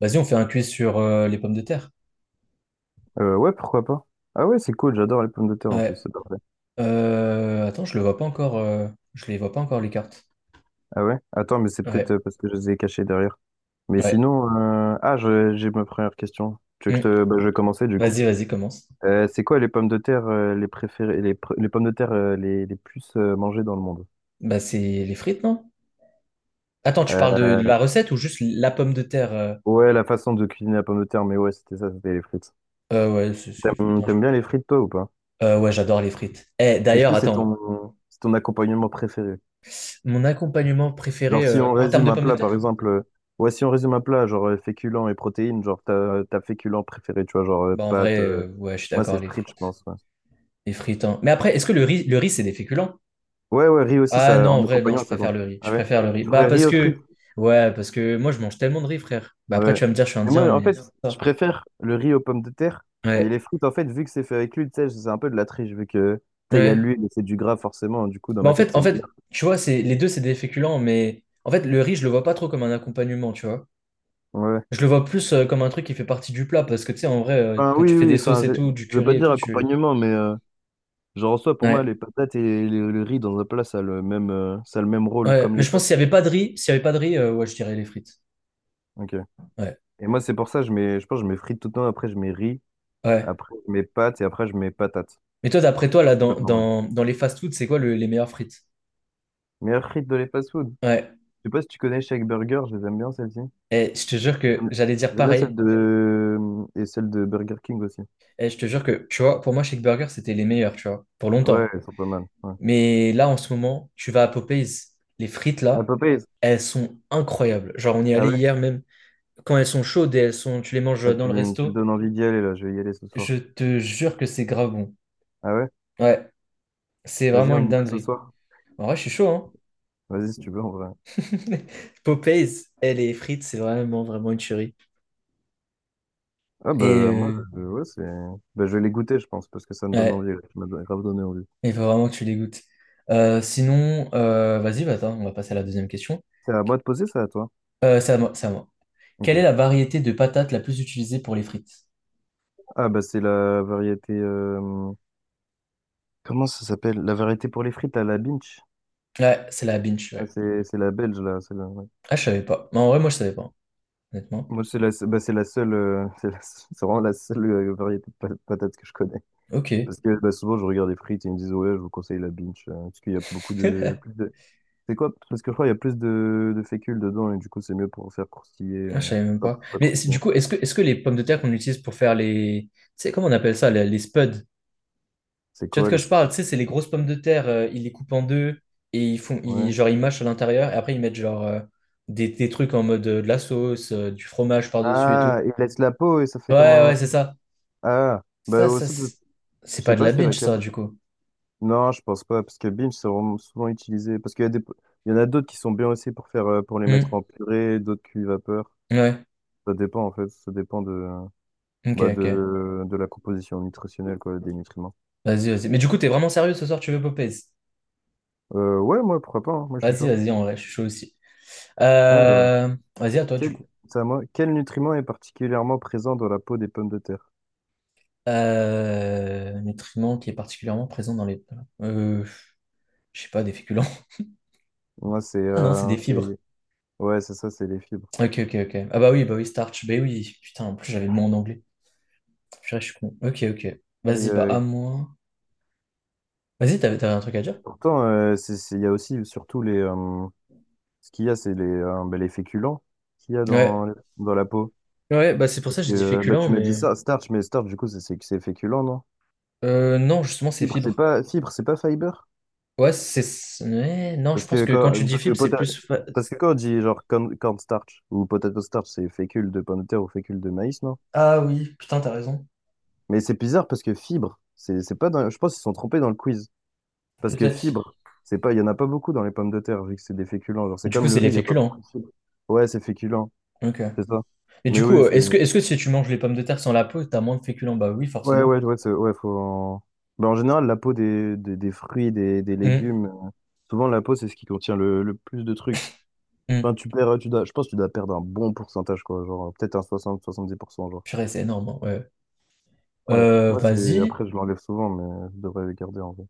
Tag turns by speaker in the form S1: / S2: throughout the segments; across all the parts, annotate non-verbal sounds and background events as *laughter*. S1: Vas-y, on fait un quiz sur les pommes de terre.
S2: Ouais, pourquoi pas. Ah ouais, c'est cool, j'adore les pommes de terre en plus,
S1: Ouais.
S2: c'est parfait.
S1: Attends, je le vois pas encore. Je les vois pas encore les cartes.
S2: Ah ouais? Attends, mais c'est peut-être
S1: Ouais.
S2: parce que je les ai cachées derrière. Mais
S1: Ouais.
S2: sinon, j'ai ma première question. Tu veux que je
S1: Hmm.
S2: te... Bah, je vais commencer du coup.
S1: Vas-y, vas-y, commence.
S2: C'est quoi les pommes de terre les préférées, les pommes de terre les plus mangées dans le monde?
S1: Bah, c'est les frites, non? Attends, tu
S2: Euh,
S1: parles de la recette ou juste la pomme de terre?
S2: ouais, la façon de cuisiner la pomme de terre, mais ouais, c'était ça, c'était les frites.
S1: Ouais, c'est les frites,
S2: T'aimes,
S1: hein,
S2: t'aimes
S1: pense.
S2: bien les frites, toi, ou pas?
S1: Ouais, j'adore les frites. Eh,
S2: Est-ce
S1: d'ailleurs,
S2: que c'est
S1: attends,
S2: ton, c'est ton accompagnement préféré?
S1: mon accompagnement préféré
S2: Genre, si on
S1: en termes
S2: résume
S1: de
S2: un
S1: pommes de
S2: plat, par
S1: terre?
S2: exemple, ouais, si on résume un plat, genre féculents et protéines, genre ta féculent préféré, tu vois, genre
S1: Bah, en
S2: pâtes.
S1: vrai, ouais, je suis
S2: Moi,
S1: d'accord,
S2: c'est
S1: les
S2: frites, je
S1: frites.
S2: pense. Ouais,
S1: Les frites, hein. Mais après, est-ce que le riz, c'est des féculents?
S2: ouais, ouais, riz aussi,
S1: Ah non,
S2: ça,
S1: en
S2: en
S1: vrai, non,
S2: accompagnant,
S1: je
S2: ça
S1: préfère
S2: compte.
S1: le riz.
S2: Ah
S1: Je
S2: ouais.
S1: préfère le riz.
S2: Tu ferais riz aux frites?
S1: Ouais, parce que moi, je mange tellement de riz, frère. Bah après,
S2: Ouais.
S1: tu vas me dire, je suis
S2: Mais
S1: indien,
S2: moi, en
S1: mais
S2: fait,
S1: c'est
S2: je
S1: pas
S2: préfère le riz aux pommes de terre,
S1: ça.
S2: mais
S1: Ouais,
S2: les frites, en fait, vu que c'est fait avec l'huile, tu sais, c'est un peu de la triche, vu que, tu sais, il y a
S1: ouais.
S2: l'huile et c'est du gras, forcément, du coup, dans
S1: Bah en
S2: ma tête,
S1: fait,
S2: c'est
S1: en fait,
S2: meilleur.
S1: tu vois, c'est les deux, c'est des féculents, mais en fait, le riz, je le vois pas trop comme un accompagnement, tu vois.
S2: Ouais.
S1: Je le vois plus comme un truc qui fait partie du plat, parce que tu sais, en vrai,
S2: Enfin,
S1: quand tu
S2: oui,
S1: fais
S2: oui,
S1: des
S2: enfin,
S1: sauces et
S2: je
S1: tout, du
S2: je vais
S1: curry
S2: pas
S1: et
S2: dire
S1: tout, tu.
S2: accompagnement, mais. Genre, en soi, pour moi,
S1: Ouais,
S2: les patates et le riz dans un plat, ça a le même rôle,
S1: ouais.
S2: comme
S1: Mais
S2: les
S1: je pense que
S2: pâtes.
S1: s'il y avait pas de riz, ouais, je dirais les frites.
S2: Ok.
S1: Ouais,
S2: Et moi, c'est pour ça, je mets, je pense, que je mets frites tout le temps, après, je mets riz,
S1: ouais.
S2: après, je mets pâtes et après, je mets patates.
S1: Mais toi, d'après toi, là,
S2: Patates normales.
S1: dans les fast-foods, c'est quoi les meilleures frites?
S2: Meilleure frite de les fast-food. Je
S1: Ouais.
S2: sais pas si tu connais Shake Burger, je les aime bien, celles-ci.
S1: Et je te jure que
S2: J'aime
S1: j'allais dire
S2: j'aime bien celle
S1: pareil.
S2: de. Et celle de Burger King aussi.
S1: Et je te jure que, tu vois, pour moi, Shake Burger, c'était les meilleurs, tu vois, pour
S2: Ouais,
S1: longtemps.
S2: elles sont pas mal. Ouais.
S1: Mais là, en ce moment, tu vas à Popeyes, les frites
S2: À
S1: là,
S2: Popeyes.
S1: elles sont incroyables. Genre, on y est
S2: Ah
S1: allé
S2: ouais?
S1: hier même. Quand elles sont chaudes et elles sont, tu les
S2: Ah,
S1: manges dans
S2: tu,
S1: le
S2: tu me
S1: resto,
S2: donnes envie d'y aller, là, je vais y aller ce
S1: je
S2: soir.
S1: te jure que c'est grave bon.
S2: Ah ouais?
S1: Ouais, c'est
S2: Vas-y,
S1: vraiment une
S2: on y va ce
S1: dinguerie.
S2: soir.
S1: En vrai, je suis chaud, hein.
S2: Vas-y, si tu veux, en vrai.
S1: *laughs* Popeyes, et les frites, c'est vraiment, vraiment une tuerie.
S2: Ah
S1: Et
S2: bah moi
S1: euh,
S2: ouais, c'est bah, je vais les goûter je pense parce que ça me donne
S1: ouais,
S2: envie là. Tu grave donné envie.
S1: il faut vraiment que tu les goûtes. Sinon, vas-y, bah, attends, on va passer à la deuxième question.
S2: C'est à moi de poser ça à toi.
S1: C'est à moi.
S2: OK.
S1: Quelle est la variété de patates la plus utilisée pour les frites?
S2: Ah bah c'est la variété comment ça s'appelle? La variété pour les frites à la Binch.
S1: Ouais, c'est la binge,
S2: Ah,
S1: ouais.
S2: c'est la belge là, ouais.
S1: Ah, je savais pas. Mais en vrai, moi, je savais pas, honnêtement.
S2: Moi bah, c'est la seule *laughs* c'est vraiment la seule variété de patates que je connais
S1: Ok.
S2: parce que bah, souvent je regarde les frites et ils me disent ouais, je vous conseille la Binch parce qu'il y a beaucoup de plus
S1: *laughs*
S2: de. C'est quoi? Parce que je crois qu'il y a plus de fécule dedans et du coup c'est mieux pour faire croustiller
S1: Ah, je savais même
S2: enfin,
S1: pas.
S2: pour pas
S1: Du
S2: croustillant.
S1: coup, est-ce que les pommes de terre qu'on utilise pour faire les… Tu sais, comment on appelle ça, les spuds?
S2: C'est
S1: Tu vois de
S2: quoi
S1: quoi je parle?
S2: l'espèce?
S1: Tu sais, c'est les grosses pommes de terre, ils les coupent en deux et ils font… Ils,
S2: Ouais.
S1: genre, ils mâchent à l'intérieur et après, ils mettent des trucs en mode de la sauce, du fromage par-dessus et
S2: Ah,
S1: tout.
S2: il laisse la peau et ça fait
S1: Ouais,
S2: comme un.
S1: ouais, c'est ça.
S2: Ah, bah,
S1: Ça, ça,
S2: ça, je
S1: c'est c'est
S2: sais
S1: pas de
S2: pas,
S1: la
S2: c'est
S1: binge,
S2: laquelle.
S1: ça, du coup.
S2: Non, je pense pas, parce que Binge, c'est vraiment souvent utilisé. Parce qu'il y a des... Il y en a d'autres qui sont bien aussi pour les mettre
S1: Hmm.
S2: en purée, d'autres cuits vapeur.
S1: Ouais,
S2: Ça dépend, en fait. Ça dépend
S1: ok,
S2: bah,
S1: ok.
S2: de la composition nutritionnelle, quoi, des nutriments.
S1: Vas-y, vas-y. Mais du coup, t'es vraiment sérieux ce soir, tu veux Popeyes?
S2: Ouais, moi, pourquoi pas, hein, moi, je suis
S1: Vas-y,
S2: chaud.
S1: vas-y, en vrai, je suis chaud aussi.
S2: Alors,
S1: Vas-y, à toi, du
S2: quel,
S1: coup.
S2: c'est à moi. Quel nutriment est particulièrement présent dans la peau des pommes de terre?
S1: Euh… Un nutriment qui est particulièrement présent dans les… Euh… Je sais pas, des féculents. *laughs*
S2: Moi,
S1: Ah non, c'est des fibres.
S2: ouais, c'est ça, c'est les fibres.
S1: Ok, ok, ok. Ah bah oui, starch. Bah oui, putain, en plus, j'avais le mot en anglais. Purée, je suis con. Ok, ok.
S2: Mais,
S1: Vas-y, bah à
S2: euh,
S1: moi. Vas-y, t'avais un truc à dire?
S2: Pourtant, il y a aussi surtout les. Ce qu'il y a, c'est bah, les féculents qu'il y a
S1: Ouais.
S2: dans la peau.
S1: Ouais, bah c'est pour
S2: Parce
S1: ça que j'ai
S2: que
S1: dit
S2: bah,
S1: féculent,
S2: tu m'as dit
S1: mais…
S2: ça, starch, mais starch, du coup, c'est féculent, non?
S1: Non, justement, c'est
S2: Fibre, c'est
S1: fibres.
S2: pas, fibre, c'est pas fiber?
S1: Ouais, c'est… ouais, non, je
S2: Parce
S1: pense
S2: que
S1: que quand tu
S2: quand,
S1: dis
S2: parce que,
S1: fibres, c'est
S2: pota-
S1: plus…
S2: parce que quand on dit genre corn starch ou potato starch, c'est fécule de pomme de terre ou fécule de maïs, non?
S1: Ah oui, putain, t'as raison.
S2: Mais c'est bizarre parce que fibre, c'est pas je pense qu'ils se sont trompés dans le quiz. Parce que
S1: Peut-être.
S2: fibre, c'est pas, il y en a pas beaucoup dans les pommes de terre, vu que c'est des féculents. Genre,
S1: Mais
S2: c'est
S1: du coup,
S2: comme le
S1: c'est les
S2: riz, il y a pas beaucoup
S1: féculents.
S2: de fibres. Ouais, c'est féculent.
S1: Ok.
S2: C'est ça.
S1: Et du
S2: Mais
S1: coup,
S2: oui, c'est.
S1: est-ce que si tu manges les pommes de terre sans la peau, t'as moins de féculents? Bah oui,
S2: Ouais,
S1: forcément.
S2: ouais, ouais, ouais, faut. Ben, en général, la peau des fruits, des
S1: Hum,
S2: légumes, souvent la peau, c'est ce qui contient le plus de trucs. Enfin,
S1: hum.
S2: tu perds, tu dois, je pense que tu dois perdre un bon pourcentage, quoi. Genre, peut-être un 60-70 % genre.
S1: Purée, c'est énorme, hein, ouais.
S2: Ouais. Moi, c'est.
S1: Vas-y.
S2: Après, je l'enlève souvent, mais je devrais le garder en vrai.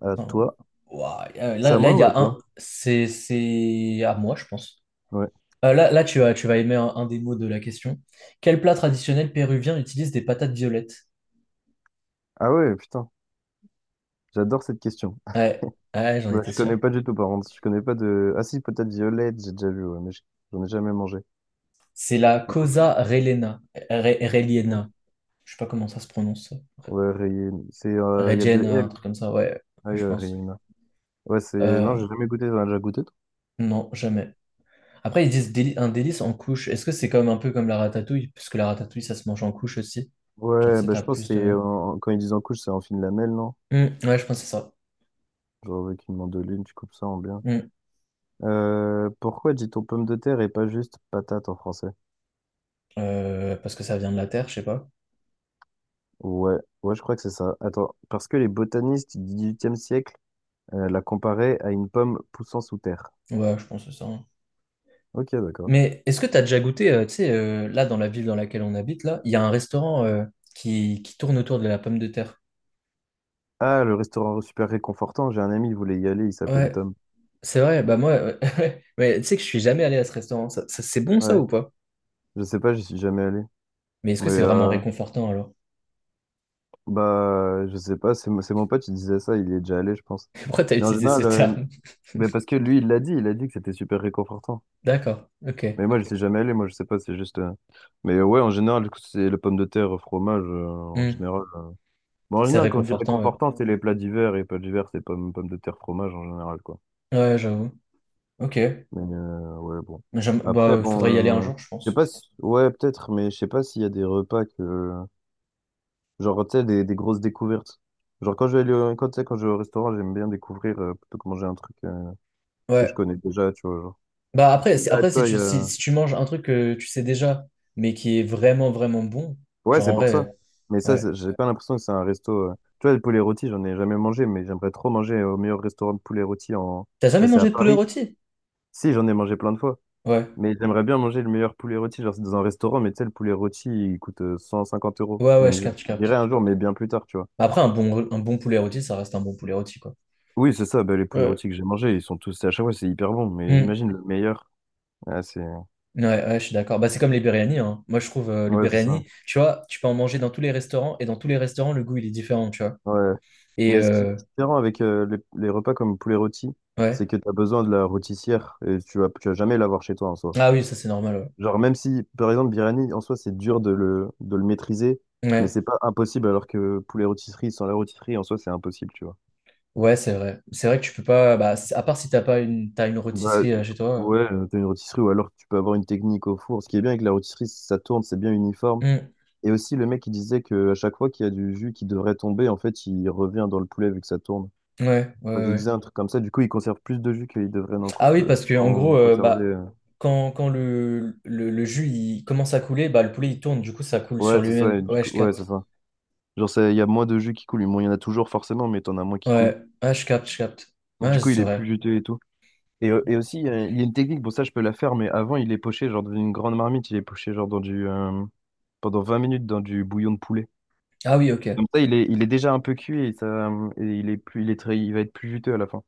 S2: À
S1: Attends.
S2: toi.
S1: Ouah,
S2: C'est à
S1: là,
S2: moi
S1: il y
S2: ou à
S1: a
S2: toi?
S1: un. C'est à moi, je pense.
S2: Ouais.
S1: Là, tu vas aimer un des mots de la question. Quel plat traditionnel péruvien utilise des patates violettes?
S2: Ah ouais, putain. J'adore cette question.
S1: Ouais,
S2: *laughs*
S1: ouais, j'en
S2: Bah, je
S1: étais
S2: connais
S1: sûr.
S2: pas du tout, par contre. Je connais pas de. Ah si, peut-être violette, j'ai déjà vu, ouais, mais j'en ai jamais mangé.
S1: C'est la cosa relena. Reliena. Je sais pas comment ça se prononce.
S2: Ouais, rayé. Il y a deux
S1: Regen, un
S2: L.
S1: truc comme ça, ouais, ouais, je pense.
S2: Skyrim. Ouais, c'est. Non,
S1: Euh,
S2: j'ai jamais goûté. T'en as déjà goûté, toi?
S1: non, jamais. Après, ils disent un délice en couche. Est-ce que c'est comme un peu comme la ratatouille? Parce que la ratatouille, ça se mange en couche aussi. Genre, tu
S2: Ouais,
S1: sais,
S2: bah,
S1: t'as
S2: je pense que
S1: plus
S2: c'est.
S1: de.
S2: Quand ils disent en couche, c'est en fine lamelle, non?
S1: Hmm, ouais, je pense que c'est ça.
S2: Genre avec une mandoline, tu coupes ça en bien.
S1: Hmm.
S2: Pourquoi dit-on pomme de terre et pas juste patate en français?
S1: Parce que ça vient de la terre, je sais pas.
S2: Ouais, ouais, je crois que c'est ça. Attends, parce que les botanistes du XVIIIe siècle la comparaient à une pomme poussant sous terre.
S1: Ouais, je pense que c'est ça, hein.
S2: Ok, d'accord.
S1: Mais est-ce que t'as déjà goûté, tu sais, là, dans la ville dans laquelle on habite, là, il y a un restaurant qui tourne autour de la pomme de terre.
S2: Ah, le restaurant super réconfortant. J'ai un ami, il voulait y aller, il s'appelle
S1: Ouais,
S2: Tom.
S1: c'est vrai, bah moi, ouais. *laughs* Mais tu sais que je suis jamais allé à ce restaurant. C'est bon ça
S2: Ouais,
S1: ou pas?
S2: je sais pas, j'y suis jamais allé.
S1: Mais est-ce que
S2: Mais
S1: c'est vraiment réconfortant alors?
S2: bah, je sais pas, c'est mon pote, il disait ça, il y est déjà allé, je pense.
S1: Pourquoi t'as
S2: Mais en
S1: utilisé ce
S2: général,
S1: terme?
S2: mais parce que lui, il l'a dit, il a dit que c'était super réconfortant.
S1: *laughs* D'accord, ok.
S2: Mais moi, je suis jamais allé, moi, je sais pas, c'est juste. Mais ouais, en général, du coup, c'est les pommes de terre, fromage, en
S1: Hmm.
S2: général. Bon, en
S1: C'est
S2: général, quand on dit
S1: réconfortant, ouais.
S2: réconfortant, c'est les plats d'hiver, et plats d'hiver, c'est pommes, pommes de terre, fromage, en général, quoi.
S1: Ouais, j'avoue. Ok.
S2: Mais ouais, bon.
S1: Bah,
S2: Après,
S1: il faudrait y aller un
S2: bon,
S1: jour, je
S2: je sais
S1: pense.
S2: pas si. Ouais, peut-être, mais je sais pas s'il y a des repas que. Genre, tu sais, des grosses découvertes. Genre, quand je vais aller au, quand, tu sais, quand je vais au restaurant, j'aime bien découvrir plutôt que manger un truc que je
S1: Ouais.
S2: connais déjà, tu vois. Genre. Et là, tu
S1: Après si
S2: vois, il y
S1: tu,
S2: a...
S1: si tu manges un truc que tu sais déjà, mais qui est vraiment bon,
S2: Ouais,
S1: genre
S2: c'est
S1: en
S2: pour ça.
S1: vrai,
S2: Mais ça,
S1: ouais.
S2: j'ai pas l'impression que c'est un resto. Tu vois, le poulet rôti, j'en ai jamais mangé, mais j'aimerais trop manger au meilleur restaurant de poulet rôti en.
S1: T'as jamais
S2: Enfin, c'est à
S1: mangé de poulet
S2: Paris.
S1: rôti?
S2: Si, j'en ai mangé plein de fois.
S1: Ouais.
S2: Mais j'aimerais bien manger le meilleur poulet rôti. Genre, c'est dans un restaurant, mais tu sais, le poulet rôti, il coûte 150 euros.
S1: Ouais, ouais,
S2: Mais
S1: je
S2: je
S1: capte, je
S2: je dirais
S1: capte.
S2: un jour, mais bien plus tard, tu vois.
S1: Après, un bon poulet rôti, ça reste un bon poulet rôti, quoi.
S2: Oui, c'est ça, bah, les poulets
S1: Ouais.
S2: rôtis que j'ai mangés, ils sont tous, à chaque fois, c'est hyper bon, mais
S1: Hmm.
S2: imagine le meilleur. Ah, c'est...
S1: Ouais, ouais, je suis d'accord. Bah, c'est comme les biryani, hein. Moi, je trouve le
S2: Ouais, c'est ça.
S1: biryani, tu vois, tu peux en manger dans tous les restaurants et dans tous les restaurants, le goût, il est différent, tu vois.
S2: Ouais.
S1: Et
S2: Mais ce qui est
S1: euh,
S2: différent avec les repas comme poulet rôti, c'est
S1: ouais.
S2: que tu as besoin de la rôtissière et tu vas jamais l'avoir chez toi en soi.
S1: Ah oui, ça c'est normal,
S2: Genre, même si, par exemple, biryani, en soi, c'est dur de le maîtriser,
S1: ouais.
S2: mais
S1: Ouais,
S2: c'est pas impossible, alors que poulet rôtisserie, sans la rôtisserie, en soi, c'est impossible, tu vois.
S1: ouais, c'est vrai. C'est vrai que tu peux pas. Bah, à part si t'as pas une, t'as une
S2: Bah,
S1: rôtisserie chez toi.
S2: ouais, t'as une rôtisserie, ou alors tu peux avoir une technique au four. Ce qui est bien avec la rôtisserie, c'est que ça tourne, c'est bien uniforme.
S1: Euh.
S2: Et aussi, le mec, il disait que à chaque fois qu'il y a du jus qui devrait tomber, en fait, il revient dans le poulet vu que ça tourne.
S1: Hmm. Ouais,
S2: Quand
S1: ouais,
S2: je
S1: ouais.
S2: disais un truc comme ça, du coup, ils conservent plus de jus qu'ils devraient
S1: Ah oui, parce que en
S2: en
S1: gros,
S2: conserver.
S1: bah, quand, le jus il commence à couler, bah, le poulet il tourne, du coup ça coule
S2: Ouais,
S1: sur
S2: c'est ça,
S1: lui-même.
S2: et du
S1: Ouais,
S2: coup,
S1: je
S2: ouais, c'est
S1: capte.
S2: ça. Genre, il y a moins de jus qui coule. Bon, il y en a toujours forcément, mais t'en as moins qui coule.
S1: Ouais, ah, je capte, je capte.
S2: Et
S1: Ouais,
S2: du coup, il
S1: c'est
S2: est plus
S1: vrai.
S2: juteux et tout. Et aussi, il y a une technique, bon, ça, je peux la faire, mais avant, il est poché, genre, dans une grande marmite, il est poché, genre, pendant 20 minutes dans du bouillon de poulet.
S1: Ah oui, ok.
S2: Comme ça, il est déjà un peu cuit et, et il est plus, il est très, il va être plus juteux à la fin.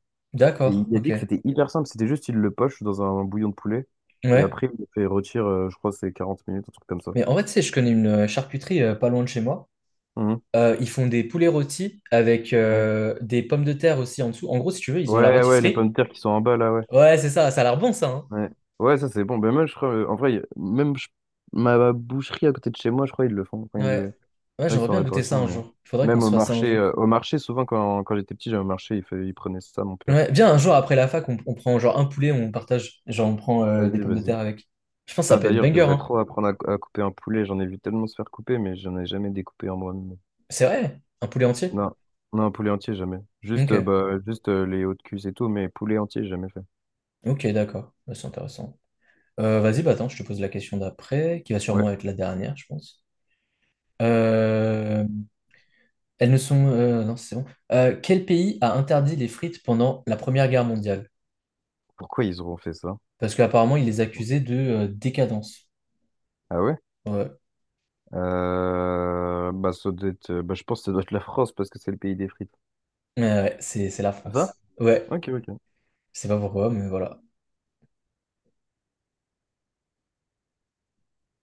S2: Et
S1: D'accord,
S2: il a dit
S1: ok.
S2: que c'était hyper simple, c'était juste, il le poche dans un bouillon de poulet. Et
S1: Ouais.
S2: après, il le fait retirer, je crois, que c'est 40 minutes, un truc comme ça.
S1: Mais en vrai, tu sais, je connais une charcuterie pas loin de chez moi.
S2: Mhm.
S1: Ils font des poulets rôtis avec
S2: Ouais.
S1: des pommes de terre aussi en dessous. En gros, si tu veux, ils ont la
S2: Ouais, ouais, les
S1: rôtisserie.
S2: pommes de terre qui sont en bas là, ouais.
S1: Ouais, c'est ça, ça a l'air bon ça, hein.
S2: Ouais, ouais, ça c'est bon. Ben moi, je crois, en vrai, ma boucherie à côté de chez moi, je crois ils le font. Enfin, ils
S1: Ouais.
S2: le...
S1: Ouais,
S2: Là, ils
S1: j'aimerais
S2: sont en
S1: bien goûter ça
S2: réparation,
S1: un
S2: mais
S1: jour. Il faudrait qu'on
S2: même
S1: se fasse ça un jour.
S2: au marché, souvent quand j'étais petit, j'allais au marché, il prenait ça, mon père.
S1: Ouais, viens, un jour après la fac, on prend genre un poulet, on partage. Genre, on prend des
S2: Vas-y,
S1: pommes de
S2: vas-y.
S1: terre avec. Je pense que ça
S2: Putain,
S1: peut être
S2: d'ailleurs, je
S1: banger,
S2: devrais
S1: hein.
S2: trop apprendre à couper un poulet. J'en ai vu tellement se faire couper, mais j'en ai jamais découpé en moi-même.
S1: C'est vrai, un poulet entier.
S2: Non, non, un poulet entier, jamais. Juste,
S1: Ok,
S2: bah, juste les hauts de cuisse et tout, mais poulet entier, j'ai jamais fait.
S1: ok, d'accord. Ouais, c'est intéressant. Vas-y, bah attends, je te pose la question d'après, qui va
S2: Ouais.
S1: sûrement être la dernière, je pense. Euh, Elles ne sont… non, c'est bon. Quel pays a interdit les frites pendant la Première Guerre mondiale?
S2: Pourquoi ils auront fait ça?
S1: Parce qu'apparemment, il les
S2: Du coup.
S1: accusait de décadence.
S2: Ah ouais?
S1: Ouais,
S2: Bah, ça doit être, bah, je pense que ça doit être la France parce que c'est le pays des frites.
S1: ouais, ouais, c'est la
S2: Va?
S1: France. Ouais,
S2: Ok, ok.
S1: je sais pas pourquoi, mais voilà.